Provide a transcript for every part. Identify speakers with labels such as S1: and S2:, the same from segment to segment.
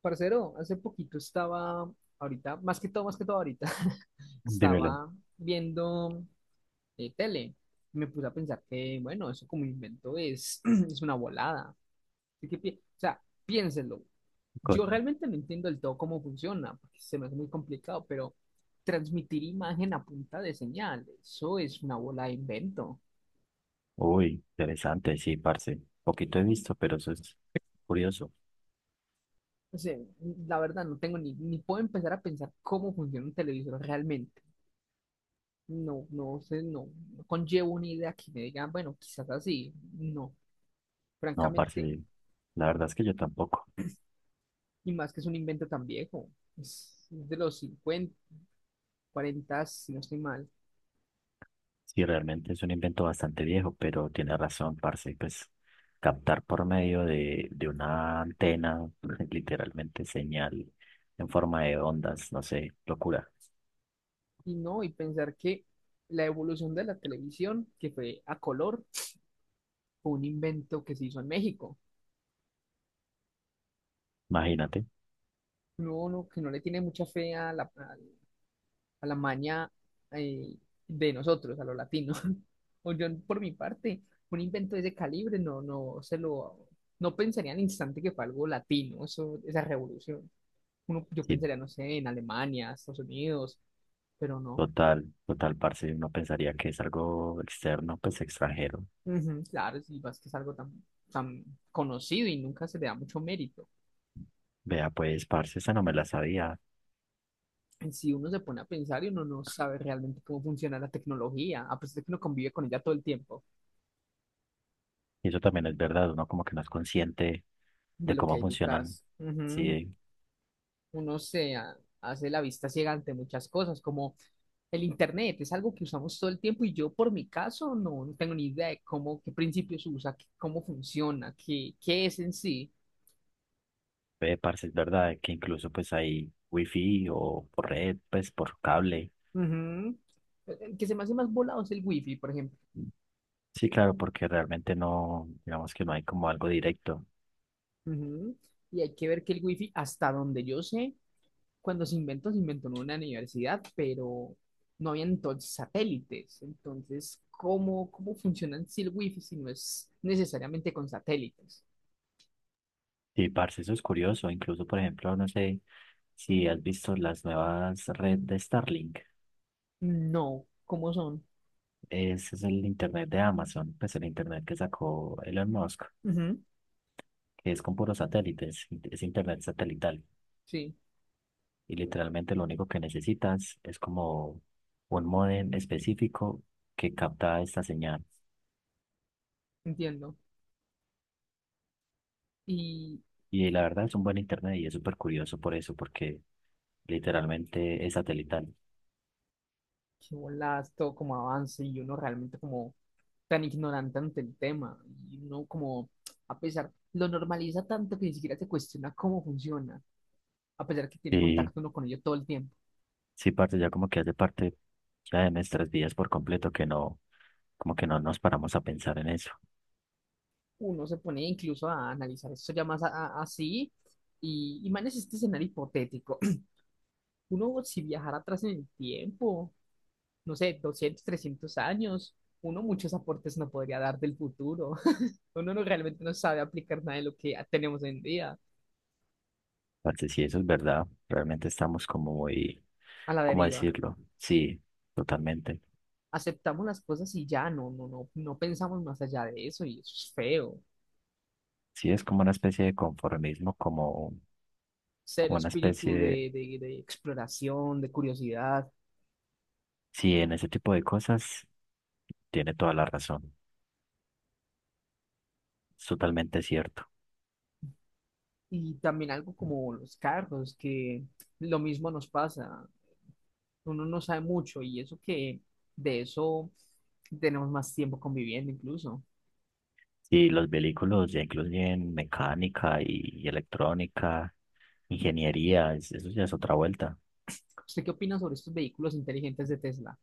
S1: Parcero, hace poquito estaba, ahorita, más que todo ahorita,
S2: Dímelo.
S1: estaba viendo tele. Me puse a pensar que, bueno, eso como invento es, es una volada. Así que, o sea, piénsenlo. Yo
S2: Cosa.
S1: realmente no entiendo del todo cómo funciona, porque se me hace muy complicado, pero transmitir imagen a punta de señal, eso es una bola de invento.
S2: Uy, interesante, sí, parce. Poquito he visto, pero eso es curioso.
S1: O sea, la verdad no tengo ni puedo empezar a pensar cómo funciona un televisor realmente. No, no sé, no, no conllevo una idea que me digan, bueno, quizás así. No,
S2: No, parce,
S1: francamente,
S2: la verdad es que yo tampoco.
S1: y más que es un invento tan viejo. Es de los 50 40, si no estoy mal.
S2: Sí, realmente es un invento bastante viejo, pero tiene razón, parce, pues captar por medio de una antena, literalmente señal en forma de ondas, no sé, locura.
S1: Y no, y pensar que la evolución de la televisión, que fue a color, fue un invento que se hizo en México.
S2: Imagínate.
S1: No, no, que no le tiene mucha fe a la maña eh, de nosotros, a los latinos. O yo, por mi parte, un invento de ese calibre no, no se lo, no pensaría al instante que fue algo latino, eso, esa revolución. Uno, yo
S2: Sí,
S1: pensaría, no sé, en Alemania, Estados Unidos, pero no.
S2: total, total, parce, uno pensaría que es algo externo, pues extranjero.
S1: Ujú. Claro, si vas que es algo tan, tan conocido y nunca se le da mucho mérito.
S2: Vea, pues, parce, esa no me la sabía.
S1: Si uno se pone a pensar y uno no sabe realmente cómo funciona la tecnología, a pesar de que uno convive con ella todo el tiempo,
S2: Y eso también es verdad, uno como que no es consciente
S1: de
S2: de
S1: lo que
S2: cómo
S1: hay
S2: funcionan.
S1: detrás. Ujú.
S2: Sí,
S1: Uno se hace la vista ciega ante muchas cosas, como el Internet, es algo que usamos todo el tiempo y yo por mi caso no, no tengo ni idea de cómo, qué principios usa, cómo funciona, qué es en sí.
S2: ve parce, es verdad que incluso pues hay wifi o por red, pues por cable.
S1: Ujú. El que se me hace más volado es el wifi, por ejemplo.
S2: Sí, claro, porque realmente no, digamos que no hay como algo directo.
S1: Ujú. Y hay que ver que el wifi, hasta donde yo sé, cuando se inventó en una universidad, pero no había entonces satélites. Entonces, ¿cómo funciona en sí el wifi si no es necesariamente con satélites?
S2: Sí, parce, eso es curioso. Incluso, por ejemplo, no sé si has visto las nuevas redes de Starlink.
S1: No, ¿cómo son?
S2: Ese es el internet de Amazon, pues el internet que sacó Elon Musk,
S1: Ujú.
S2: que es con puros satélites, es internet satelital.
S1: Sí,
S2: Y literalmente lo único que necesitas es como un modem específico que capta esta señal.
S1: entiendo. Y
S2: Y la verdad es un buen internet y es súper curioso por eso, porque literalmente es satelital.
S1: qué bolas todo como avance y uno realmente como tan ignorante ante el tema. Y uno como, a pesar, lo normaliza tanto que ni siquiera se cuestiona cómo funciona, a pesar que tiene
S2: Sí,
S1: contacto uno con ello todo el tiempo.
S2: sí, parte ya como que hace parte ya de nuestras vidas por completo que no, como que no nos paramos a pensar en eso.
S1: Uno se pone incluso a analizar esto ya más así y manes este escenario hipotético. Uno si viajara atrás en el tiempo, no sé, 200 300 años, uno muchos aportes no podría dar del futuro. Uno no realmente no sabe aplicar nada de lo que tenemos hoy en día
S2: Parce, sí eso es verdad, realmente estamos como muy,
S1: a la
S2: ¿cómo
S1: deriva.
S2: decirlo? Sí, totalmente.
S1: Aceptamos las cosas y ya, no, no, no, no pensamos más allá de eso y eso es feo.
S2: Sí, es como una especie de conformismo, como,
S1: Cero
S2: como una
S1: espíritu
S2: especie.
S1: de exploración, de curiosidad
S2: Sí, en ese tipo de cosas tiene toda la razón. Es totalmente cierto.
S1: y también algo como los carros, que lo mismo nos pasa. Uno no sabe mucho y eso que de eso tenemos más tiempo conviviendo incluso.
S2: Y los vehículos ya incluyen mecánica y electrónica, ingeniería, eso ya es otra vuelta.
S1: ¿Usted qué opina sobre estos vehículos inteligentes de Tesla?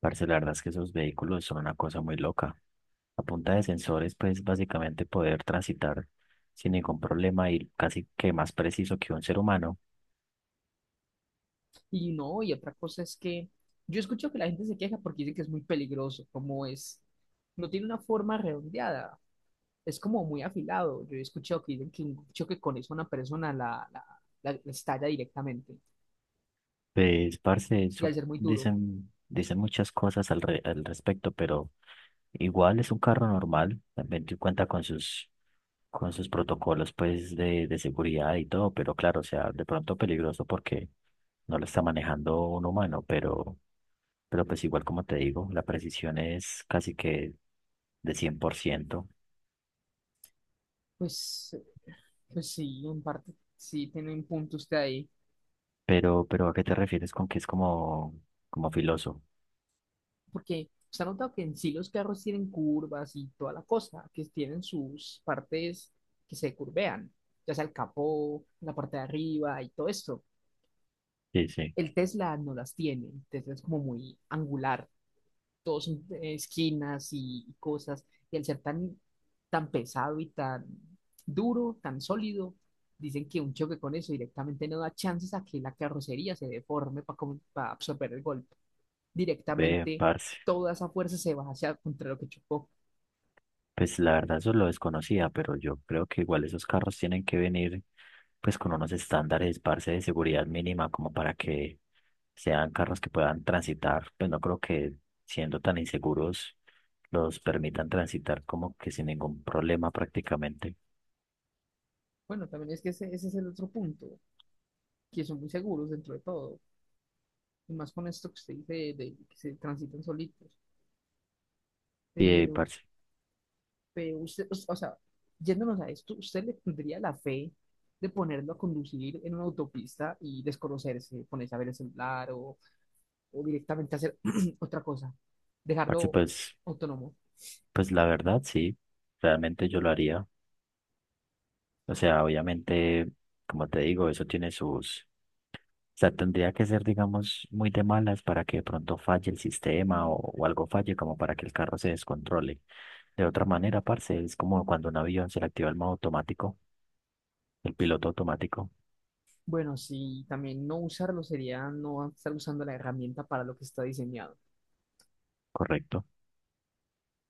S2: Parce, la verdad es que esos vehículos son una cosa muy loca. A punta de sensores, pues básicamente poder transitar sin ningún problema y casi que más preciso que un ser humano.
S1: Y no, y otra cosa es que yo escucho que la gente se queja porque dice que es muy peligroso, como es, no tiene una forma redondeada, es como muy afilado. Yo he escuchado que dicen que un choque con eso a una persona la estalla directamente
S2: Pues, parce,
S1: y
S2: eso
S1: al ser muy duro,
S2: dicen, dicen muchas cosas al respecto, pero igual es un carro normal, también te cuenta con sus protocolos pues de seguridad y todo, pero claro, o sea, de pronto peligroso porque no lo está manejando un humano, pero pues igual como te digo, la precisión es casi que de 100%.
S1: pues, pues sí, en parte sí tiene un punto usted ahí,
S2: Pero ¿a qué te refieres con que es como, como filoso?
S1: porque se ha notado que en sí los carros tienen curvas y toda la cosa, que tienen sus partes que se curvean, ya sea el capó, la parte de arriba y todo esto.
S2: Sí, sí,
S1: El Tesla no las tiene, el Tesla es como muy angular, todos son esquinas y cosas, y al ser tan, tan pesado y tan duro, tan sólido, dicen que un choque con eso directamente no da chances a que la carrocería se deforme para absorber el golpe.
S2: ve,
S1: Directamente
S2: parce.
S1: toda esa fuerza se va hacia contra lo que chocó.
S2: Pues la verdad eso lo desconocía, pero yo creo que igual esos carros tienen que venir pues con unos estándares, parce, de seguridad mínima como para que sean carros que puedan transitar. Pues no creo que siendo tan inseguros los permitan transitar como que sin ningún problema prácticamente.
S1: Bueno, también es que ese es el otro punto, que son muy seguros dentro de todo, y más con esto que usted dice de que se transitan solitos.
S2: Y
S1: Pero
S2: parce,
S1: pero usted, o sea, yéndonos a esto, ¿usted le tendría la fe de ponerlo a conducir en una autopista y desconocerse, ponerse a ver el celular o directamente hacer otra cosa?
S2: parce,
S1: Dejarlo
S2: pues,
S1: autónomo.
S2: pues la verdad sí, realmente yo lo haría. O sea, obviamente, como te digo, eso tiene sus. O sea, tendría que ser, digamos, muy de malas para que de pronto falle el sistema o algo falle como para que el carro se descontrole. De otra manera, parce, es como cuando un avión se le activa el modo automático, el piloto automático,
S1: Bueno, sí, también no usarlo sería no estar usando la herramienta para lo que está diseñado.
S2: correcto.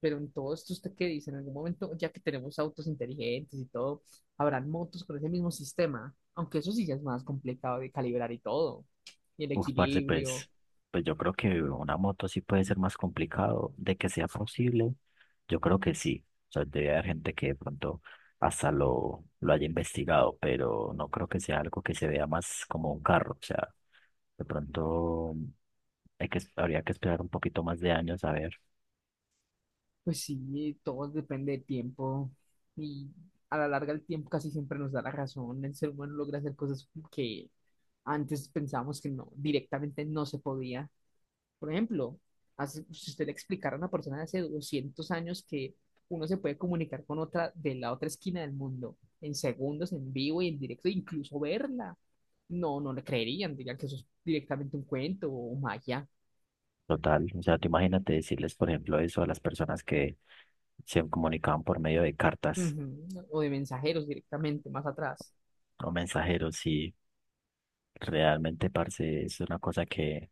S1: Pero en todo esto, ¿usted qué dice? En algún momento, ya que tenemos autos inteligentes y todo, habrán motos con ese mismo sistema, aunque eso sí ya es más complicado de calibrar y todo, y el
S2: Uf, parce,
S1: equilibrio,
S2: pues, pues yo creo que una moto sí puede ser más complicado. De que sea posible, yo creo que sí. O sea, debe haber gente que de pronto hasta lo haya investigado, pero no creo que sea algo que se vea más como un carro. O sea, de pronto hay que, habría que esperar un poquito más de años a ver.
S1: pues sí, todo depende del tiempo y a la larga el tiempo casi siempre nos da la razón. El ser humano logra hacer cosas que antes pensábamos que no, directamente no se podía. Por ejemplo, si usted le explicara a una persona de hace 200 años que uno se puede comunicar con otra de la otra esquina del mundo en segundos, en vivo y en directo, incluso verla, no, no le creerían, dirían que eso es directamente un cuento o magia.
S2: Total. O sea, tú imagínate decirles, por ejemplo, eso a las personas que se comunicaban por medio de cartas
S1: Ujú. O de mensajeros directamente más atrás.
S2: o mensajeros y realmente, parce, es una cosa que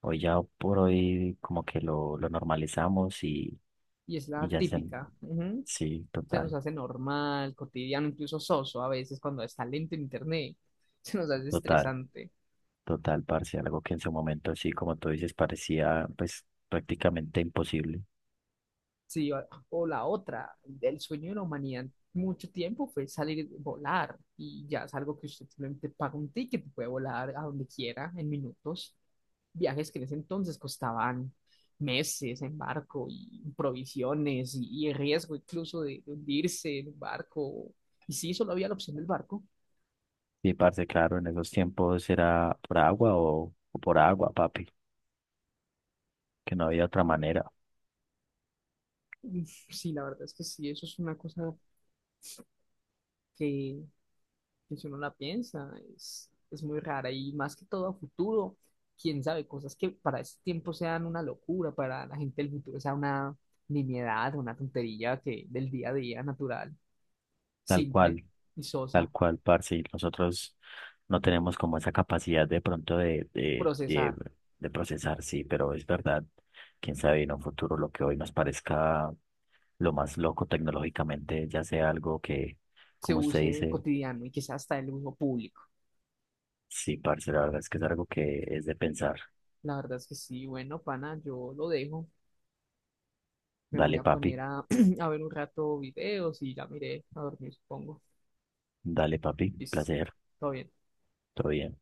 S2: hoy ya por hoy como que lo normalizamos
S1: Y es la
S2: y ya se...
S1: típica. Ujú.
S2: Sí,
S1: Se nos
S2: total,
S1: hace normal, cotidiano, incluso soso a veces cuando está lento en internet. Se nos hace
S2: total,
S1: estresante.
S2: total, parce. Algo que en su momento, sí, como tú dices, parecía pues prácticamente imposible.
S1: Sí, o la otra, el sueño de la humanidad mucho tiempo fue salir, volar, y ya es algo que usted simplemente paga un ticket y puede volar a donde quiera en minutos. Viajes que en ese entonces costaban meses en barco y provisiones y el riesgo incluso de hundirse en un barco. Y sí, solo había la opción del barco.
S2: Sí, parce, claro, en esos tiempos era por agua o por agua, papi, que no había otra manera.
S1: Uf, sí, la verdad es que sí, eso es una cosa que, que si uno la piensa, es muy rara y más que todo a futuro, quién sabe, cosas que para este tiempo sean una locura, para la gente del futuro sea una nimiedad, una tontería que del día a día natural,
S2: Tal
S1: simple
S2: cual,
S1: y
S2: tal
S1: sosa,
S2: cual, parce, y nosotros no tenemos como esa capacidad de pronto
S1: procesar,
S2: de procesar, sí, pero es verdad, quién sabe en un futuro lo que hoy nos parezca lo más loco tecnológicamente, ya sea algo que,
S1: se
S2: como usted
S1: use
S2: dice,
S1: cotidiano y que sea hasta el uso público.
S2: sí, parce, la verdad es que es algo que es de pensar.
S1: La verdad es que sí, bueno, pana, yo lo dejo, me voy
S2: Dale,
S1: a poner
S2: papi,
S1: a, a ver un rato videos y ya miré a dormir, supongo.
S2: dale, papi,
S1: Listo,
S2: placer,
S1: todo bien.
S2: todo bien.